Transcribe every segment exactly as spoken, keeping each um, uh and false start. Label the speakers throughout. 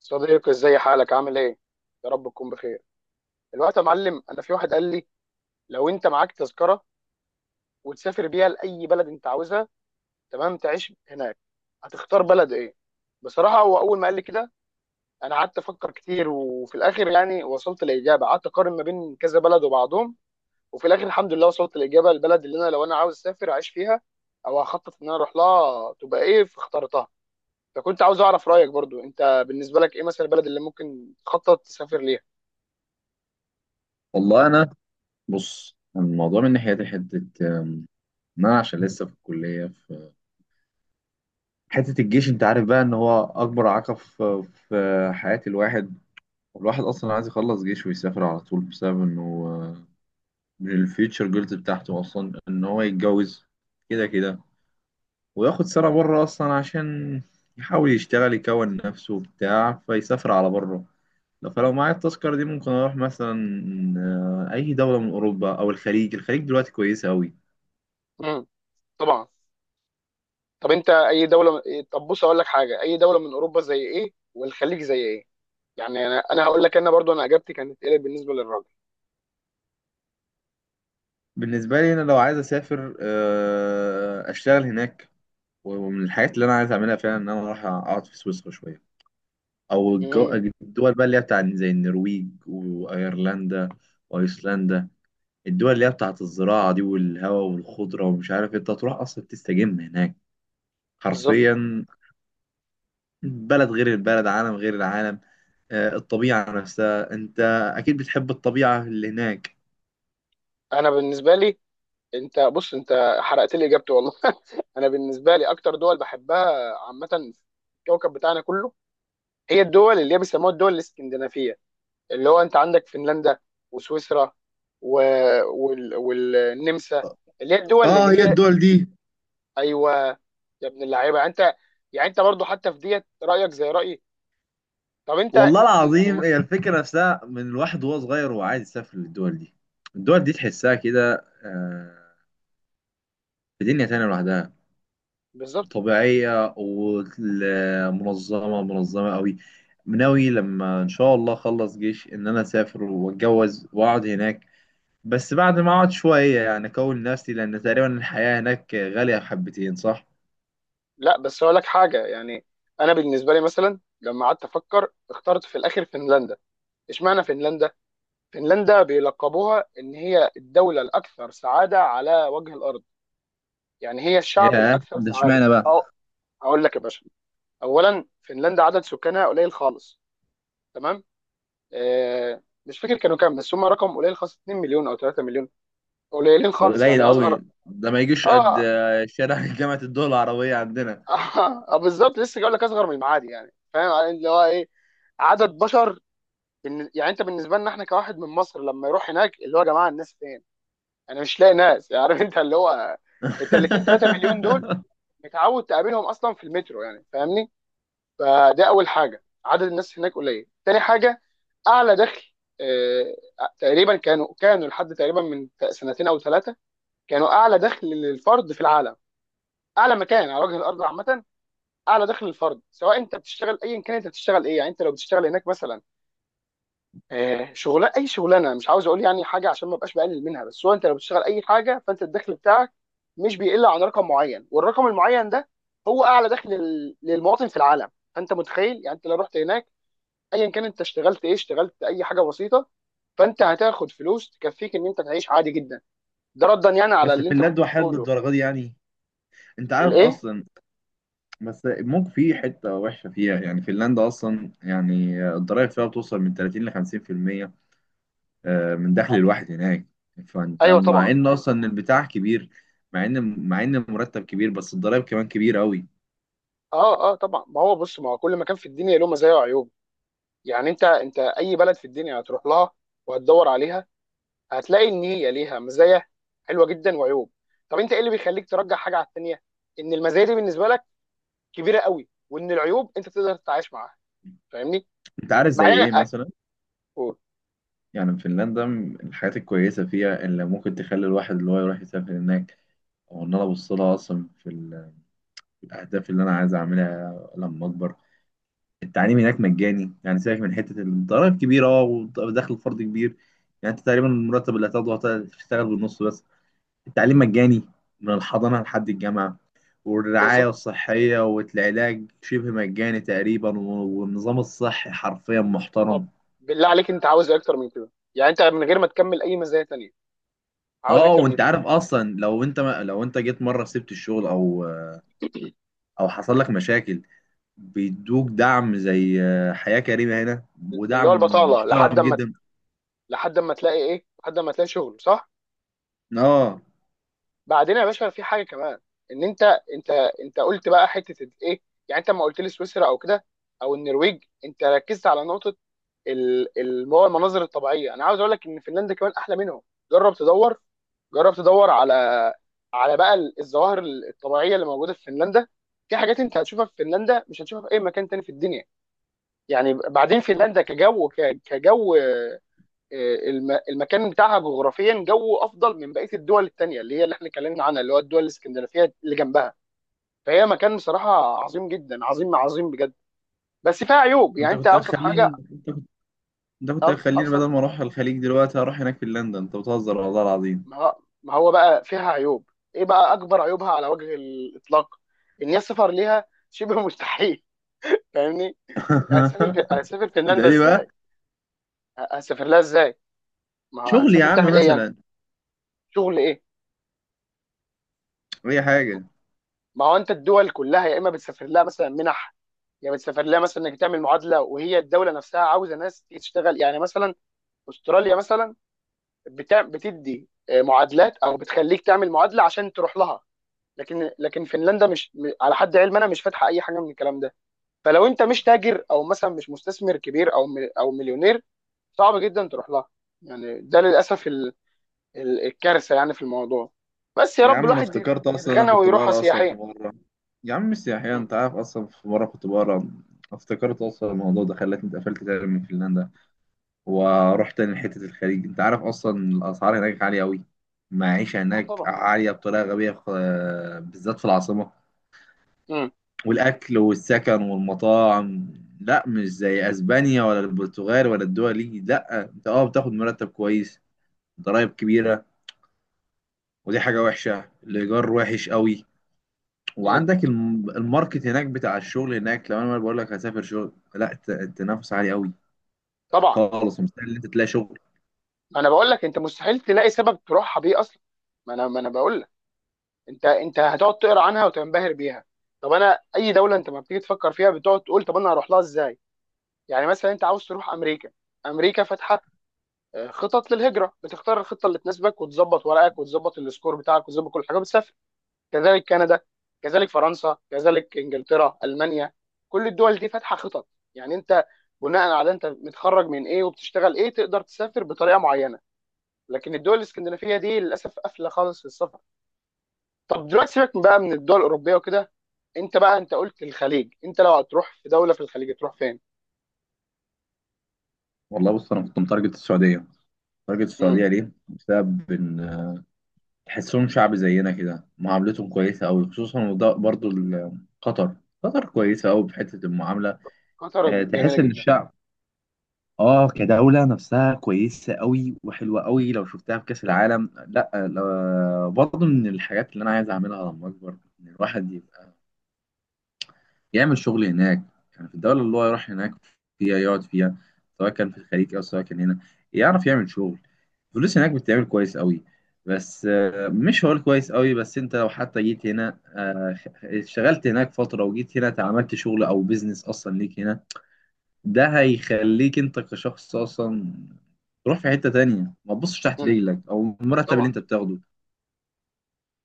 Speaker 1: صديقي، ازاي حالك؟ عامل ايه؟ يا رب تكون بخير. الوقت يا معلم، انا في واحد قال لي لو انت معاك تذكره وتسافر بيها لاي بلد انت عاوزها، تمام، تعيش هناك، هتختار بلد ايه؟ بصراحه هو اول ما قال لي كده، انا قعدت افكر كتير، وفي الاخر يعني وصلت لاجابه. قعدت اقارن ما بين كذا بلد وبعضهم، وفي الاخر الحمد لله وصلت لاجابه. البلد اللي انا لو انا عاوز اسافر اعيش فيها او هخطط ان انا اروح لها تبقى ايه، فاخترتها. فكنت عاوز اعرف رايك برضو، انت بالنسبه لك ايه مثلا البلد اللي ممكن تخطط تسافر ليها؟
Speaker 2: والله انا، بص الموضوع من ناحيتي حته آم، ان انا عشان لسه في الكليه، في حته الجيش. انت عارف بقى ان هو اكبر عقب في في حياه الواحد. الواحد اصلا عايز يخلص جيش ويسافر على طول بسبب انه آه، من الفيوتشر جولز بتاعته اصلا ان هو يتجوز كده كده، وياخد سنه بره اصلا عشان يحاول يشتغل يكون نفسه وبتاع، فيسافر على بره. فلو معايا التذكره دي ممكن اروح مثلا آه، اي دوله من اوروبا او الخليج. الخليج دلوقتي كويسه قوي.
Speaker 1: طبعا. طب انت اي دوله؟ طب بص اقول لك حاجه، اي دوله من اوروبا زي ايه، والخليج زي ايه؟ يعني انا انا هقول لك انا برضو انا اجابتي كانت ايه بالنسبه للراجل.
Speaker 2: بالنسبة لي أنا لو عايز أسافر آه، أشتغل هناك، ومن الحاجات اللي أنا عايز أعملها فعلا إن أنا أروح أقعد في سويسرا شوية. أو الجو-
Speaker 1: امم.
Speaker 2: الدول بقى اللي هي بتاع زي النرويج وأيرلندا وأيسلندا، الدول اللي هي بتاعت الزراعة دي والهواء والخضرة ومش عارف إيه، أنت تروح أصلا تستجم هناك
Speaker 1: بالظبط.
Speaker 2: حرفيا. بلد غير البلد، عالم غير العالم آه، الطبيعة نفسها، أنت أكيد بتحب الطبيعة اللي هناك.
Speaker 1: انا بالنسبه لي، انت بص، انت حرقت لي اجابتي والله. انا بالنسبه لي اكتر دول بحبها عامه في الكوكب بتاعنا كله هي الدول اللي هي بيسموها الدول الاسكندنافيه، اللي هو انت عندك فنلندا وسويسرا و... وال... والنمسا،
Speaker 2: آه،
Speaker 1: اللي هي الدول
Speaker 2: آه،
Speaker 1: اللي
Speaker 2: هي
Speaker 1: هي...
Speaker 2: الدول دي.
Speaker 1: ايوه. يا ابن اللعيبه، يعني انت، يعني انت برضو حتى في ديت رايك زي رايي. طب انت،
Speaker 2: والله
Speaker 1: يعني م-
Speaker 2: العظيم هي الفكرة نفسها من الواحد وهو صغير وهو عايز يسافر للدول دي. الدول دي تحسها كده آه، في دنيا تانية لوحدها،
Speaker 1: بالظبط.
Speaker 2: طبيعية ومنظمة منظمة قوي. ناوي لما إن شاء الله أخلص جيش إن أنا أسافر وأتجوز وأقعد هناك، بس بعد ما أقعد شوية يعني أكون نفسي، لأن تقريبا الحياة هناك غالية حبتين، صح؟
Speaker 1: لا بس اقول لك حاجه، يعني انا بالنسبه لي مثلا لما قعدت افكر اخترت في الاخر فنلندا. اشمعنى فنلندا؟ فنلندا بيلقبوها ان هي الدوله الاكثر سعاده على وجه الارض، يعني هي الشعب
Speaker 2: ياه،
Speaker 1: الاكثر
Speaker 2: ده
Speaker 1: سعاده.
Speaker 2: اشمعنى بقى؟
Speaker 1: اه، هقول لك يا باشا. اولا فنلندا عدد سكانها قليل خالص، تمام؟ آه مش فاكر كانوا كام، بس هم رقم قليل خالص، 2 مليون او 3 مليون، قليلين
Speaker 2: ده
Speaker 1: خالص،
Speaker 2: قليل
Speaker 1: يعني اصغر.
Speaker 2: قوي، ده ما يجيش قد
Speaker 1: اه.
Speaker 2: آه، شارع جامعة الدول العربية عندنا.
Speaker 1: اه، آه، بالظبط، لسه جاي لك، اصغر من المعادي، يعني فاهم يعني، اللي هو ايه، عدد بشر. بالن- يعني انت بالنسبه لنا احنا كواحد من مصر لما يروح هناك، اللي هو يا جماعه الناس فين؟ انا مش لاقي ناس، يعني عارف انت اللي هو، انت الاثنين 3 مليون دول متعود تقابلهم اصلا في المترو، يعني فاهمني؟ فده اول حاجه، عدد الناس هناك قليل. تاني حاجه، اعلى دخل. آه، تقريبا كانوا كانوا لحد تقريبا من سنتين او ثلاثه كانوا اعلى دخل للفرد في العالم، اعلى مكان على وجه الارض عامه. اعلى دخل الفرد، سواء انت بتشتغل، ايا كان انت بتشتغل ايه، يعني انت لو بتشتغل هناك مثلا آه، شغلانه، اي شغلانه، مش عاوز اقول يعني حاجه عشان ما ابقاش بقلل منها، بس هو انت لو بتشتغل اي حاجه فانت الدخل بتاعك مش بيقل عن رقم معين، والرقم المعين ده هو اعلى دخل لل- للمواطن في العالم. فانت متخيل، يعني انت لو رحت هناك ايا كان انت اشتغلت ايه، اشتغلت اي حاجه بسيطه، فانت هتاخد فلوس تكفيك ان انت تعيش عادي جدا. ده ردا يعني على
Speaker 2: بس
Speaker 1: اللي انت كنت
Speaker 2: فنلندا وحيد
Speaker 1: بتقوله.
Speaker 2: للدرجه دي يعني، انت عارف
Speaker 1: الايه؟
Speaker 2: اصلا. بس ممكن في حته وحشه فيها، يعني فنلندا اصلا، يعني الضرايب فيها بتوصل من تلاتين ل خمسين في المية آه، من دخل الواحد هناك. فانت
Speaker 1: ايوه
Speaker 2: مع
Speaker 1: طبعا.
Speaker 2: ان اصلا البتاع كبير، مع ان مع ان المرتب كبير، بس الضرايب كمان كبيره قوي.
Speaker 1: اه اه طبعا، ما هو بص، ما هو كل مكان في الدنيا له مزايا وعيوب. يعني انت انت اي بلد في الدنيا هتروح لها وهتدور عليها، هتلاقي ان هي ليها مزايا حلوه جدا وعيوب. طب انت ايه اللي بيخليك ترجح حاجه على الثانيه؟ ان المزايا دي بالنسبه لك كبيره قوي، وان العيوب انت تقدر تتعايش معاها. فاهمني؟
Speaker 2: انت عارف زي
Speaker 1: بعدين،
Speaker 2: ايه مثلا؟
Speaker 1: قول.
Speaker 2: يعني فنلندا من الحاجات الكويسه فيها اللي ممكن تخلي الواحد اللي هو يروح يسافر هناك، او ان انا ابص لها اصلا في ال- في الاهداف اللي انا عايز اعملها لما اكبر. التعليم هناك مجاني، يعني سيبك من حته الضرايب كبيره، اه، ودخل الفرد كبير. يعني انت تقريبا المرتب اللي هتاخده هت- هتشتغل بالنص بس. التعليم مجاني من الحضانه لحد الجامعه، والرعايه
Speaker 1: بالظبط.
Speaker 2: الصحيه والعلاج شبه مجاني تقريبا، والنظام الصحي حرفيا
Speaker 1: طب،
Speaker 2: محترم.
Speaker 1: بالله عليك، انت عاوز ايه اكتر من كده؟ يعني انت من غير ما تكمل اي مزايا تانية، عاوز إيه
Speaker 2: اه،
Speaker 1: اكتر من
Speaker 2: وانت
Speaker 1: كده؟
Speaker 2: عارف اصلا لو انت ما لو انت جيت مره سبت الشغل او او حصل لك مشاكل، بيدوك دعم زي آه، حياه كريمه هنا،
Speaker 1: اللي هو
Speaker 2: ودعم
Speaker 1: البطاله لحد
Speaker 2: محترم
Speaker 1: اما،
Speaker 2: جدا.
Speaker 1: لحد اما تلاقي ايه، لحد اما تلاقي شغل، صح.
Speaker 2: اه،
Speaker 1: بعدين يا باشا في حاجه كمان، ان انت، انت، انت قلت بقى حته ايه، يعني انت لما قلت لي سويسرا او كده او النرويج انت ركزت على نقطه، ال- ال- هو المناظر الطبيعيه، انا عاوز اقول لك ان فنلندا كمان احلى منهم. جرب تدور، جرب تدور على، على بقى ال- الظواهر الطبيعيه اللي موجوده في فنلندا. في حاجات انت هتشوفها في فنلندا مش هتشوفها في اي مكان تاني في الدنيا. يعني بعدين فنلندا كجو، ك- كجو الم- المكان بتاعها جغرافيا جوه افضل من بقيه الدول الثانيه اللي هي اللي احنا اتكلمنا عنها، اللي هو الدول الاسكندنافيه اللي جنبها. فهي مكان بصراحه عظيم جدا، عظيم عظيم بجد. بس فيها عيوب،
Speaker 2: انت
Speaker 1: يعني انت
Speaker 2: كنت
Speaker 1: ابسط حاجه،
Speaker 2: هتخليني انت ده كنت
Speaker 1: أب-
Speaker 2: هتخليني بدل
Speaker 1: ابسط،
Speaker 2: ما اروح الخليج دلوقتي اروح هناك في لندن، انت بتهزر والله العظيم.
Speaker 1: ما هو- ما هو بقى فيها عيوب ايه؟ بقى اكبر عيوبها على وجه الاطلاق ان هي السفر ليها شبه مستحيل. فاهمني؟ يعني هتسافر في... هتسافر
Speaker 2: ده
Speaker 1: فنلندا
Speaker 2: ليه بقى؟
Speaker 1: ازاي؟ ه- هتسافر لها ازاي؟ ما هو
Speaker 2: شغل يا
Speaker 1: هتسافر
Speaker 2: عم
Speaker 1: تعمل ايه يعني؟
Speaker 2: مثلا،
Speaker 1: شغل ايه؟
Speaker 2: اي حاجه.
Speaker 1: ما هو انت الدول كلها يا اما بتسافر لها مثلا منح، يعني بتسافر لها مثلا انك تعمل معادله، وهي الدوله نفسها عاوزه ناس تشتغل، يعني مثلا استراليا مثلا بتع... بتدي آه، معادلات او بتخليك تعمل معادله عشان تروح لها. لكن لكن فنلندا مش م- على حد علم انا مش فاتحه اي حاجه من الكلام ده، فلو انت مش تاجر او مثلا مش مستثمر كبير او مل... او مليونير، صعب جدا تروح لها. يعني ده للاسف ال... ال... الكارثه يعني في الموضوع. بس يا
Speaker 2: يا
Speaker 1: رب
Speaker 2: عم انا
Speaker 1: الواحد يت-
Speaker 2: افتكرت اصلا، انا
Speaker 1: يتغنى
Speaker 2: كنت
Speaker 1: ويروحها
Speaker 2: بقرا اصلا في
Speaker 1: سياحيا.
Speaker 2: مره، يا عم السياحيه،
Speaker 1: امم.
Speaker 2: انت عارف اصلا في مره كنت بقرا، افتكرت اصلا الموضوع ده خلتني اتقفلت تاني من فنلندا. ورحت تاني لحته الخليج، انت عارف اصلا الاسعار هناك عاليه قوي. المعيشه
Speaker 1: آه
Speaker 2: هناك
Speaker 1: طبعا.
Speaker 2: عاليه بطريقه غبيه خ- بالذات في العاصمه،
Speaker 1: امم.
Speaker 2: والاكل والسكن والمطاعم. لا مش زي اسبانيا ولا البرتغال ولا الدول دي، لا انت اه بتاخد مرتب كويس، ضرايب كبيره، ودي حاجه وحشه، الايجار وحش قوي.
Speaker 1: امم.
Speaker 2: وعندك الم- الماركت هناك بتاع الشغل هناك، لو انا بقول لك هسافر شغل، لا الت- التنافس عالي قوي
Speaker 1: طبعا.
Speaker 2: خالص، مستحيل ان انت تلاقي شغل.
Speaker 1: ما انا بقول لك، انت مستحيل تلاقي سبب تروحها بيه اصلا. ما انا ما انا بقول لك، انت انت هتقعد تقرا عنها وتنبهر بيها. طب انا اي دوله انت ما بتيجي تفكر فيها بتقعد تقول طب انا هروح لها ازاي؟ يعني مثلا انت عاوز تروح امريكا، امريكا فاتحه آه، خطط للهجره، بتختار الخطه اللي تناسبك وتظبط ورقك وتظبط السكور بتاعك وتظبط كل حاجه بتسافر. كذلك كندا، كذلك فرنسا، كذلك انجلترا، المانيا، كل الدول دي فاتحه خطط. يعني انت بناء على انت متخرج من ايه وبتشتغل ايه تقدر تسافر بطريقه معينه. لكن الدول الاسكندنافيه دي للاسف قافله خالص للسفر. طب دلوقتي سيبك من بقى من الدول الاوروبيه وكده، انت بقى انت قلت الخليج، انت لو هتروح في دوله في الخليج هتروح فين؟
Speaker 2: والله بص انا كنت متارجت السعوديه، تارجت
Speaker 1: امم.
Speaker 2: السعوديه ليه؟ بسبب ان تحسهم شعب زينا كده، معاملتهم كويسة أوي، خصوصا وده برضو ال- قطر. قطر كويسة أوي في حتة المعاملة.
Speaker 1: قطر
Speaker 2: آه،
Speaker 1: جميله
Speaker 2: تحس إن
Speaker 1: جدا.
Speaker 2: الشعب آه كدولة نفسها كويسة أوي وحلوة أوي لو شفتها في كأس العالم. لا، آه، برضو من الحاجات اللي أنا عايز أعملها لما أكبر إن الواحد يعمل شغل هناك، يعني في الدولة اللي هو يروح هناك فيها يقعد فيها، سواء كان في الخليج أو سواء كان هنا، يعرف يعمل شغل. الفلوس هناك بتتعمل كويس قوي. بس آه، مش هقول كويس قوي، بس انت لو حتى جيت هنا آه، اشتغلت هناك فترة وجيت هنا اتعملت شغل او بيزنس اصلا ليك هنا، ده هيخليك انت كشخص اصلا تروح في حتة تانية ما تبصش تحت
Speaker 1: امم.
Speaker 2: رجلك او المرتب اللي
Speaker 1: طبعا.
Speaker 2: انت بتاخده.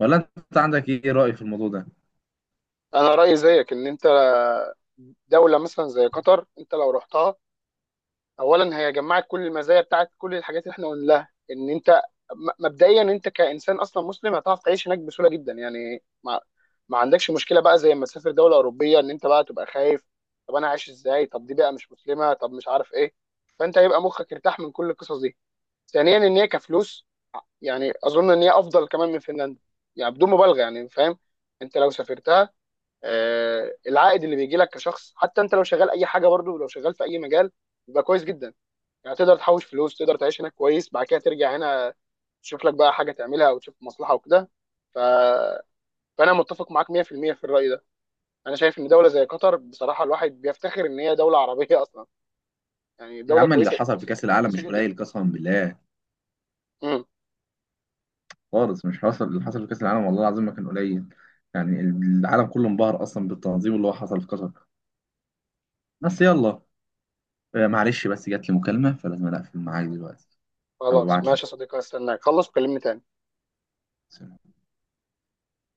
Speaker 2: ولا انت عندك ايه رأي في الموضوع ده؟
Speaker 1: انا رايي زيك، ان انت دوله مثلا زي قطر انت لو رحتها، اولا هي جمعت كل المزايا بتاعت كل الحاجات اللي احنا قلناها. ان انت م- مبدئيا انت كانسان اصلا مسلم هتعرف تعيش هناك بسهوله جدا، يعني ما, ما عندكش مشكله بقى زي ما تسافر دوله اوروبيه ان انت بقى تبقى خايف، طب انا عايش ازاي، طب دي بقى مش مسلمه، طب مش عارف ايه. فانت هيبقى مخك ارتاح من كل القصص دي. ثانيا ان هي كفلوس، يعني اظن ان هي افضل كمان من فنلندا، يعني بدون مبالغه يعني، فاهم؟ انت لو سافرتها، آه العائد اللي بيجي لك كشخص، حتى انت لو شغال اي حاجه، برضه لو شغال في اي مجال، يبقى كويس جدا. يعني تقدر تحوش فلوس، تقدر تعيش هناك كويس، بعد كده ترجع هنا، تشوف لك بقى حاجه تعملها او تشوف مصلحه وكده. ف... فانا متفق معاك مية في المية في المية في الراي ده. انا شايف ان دوله زي قطر بصراحه الواحد بيفتخر ان هي دوله عربيه اصلا. يعني دوله
Speaker 2: العمل اللي
Speaker 1: كويسه
Speaker 2: حصل في
Speaker 1: كويسه
Speaker 2: كأس العالم
Speaker 1: كويسه
Speaker 2: مش
Speaker 1: جدا.
Speaker 2: قليل قسما بالله،
Speaker 1: امم.
Speaker 2: خالص. مش حصل اللي حصل في كأس العالم والله العظيم ما كان قليل، يعني العالم كله انبهر أصلا بالتنظيم اللي هو حصل في قطر. بس يلا، آه، معلش، بس جات لي مكالمة فلازم أقفل معاك دلوقتي. هبقى
Speaker 1: خلاص،
Speaker 2: أبعت
Speaker 1: ماشي يا صديقي، استناك خلص وكلمني تاني.
Speaker 2: لك.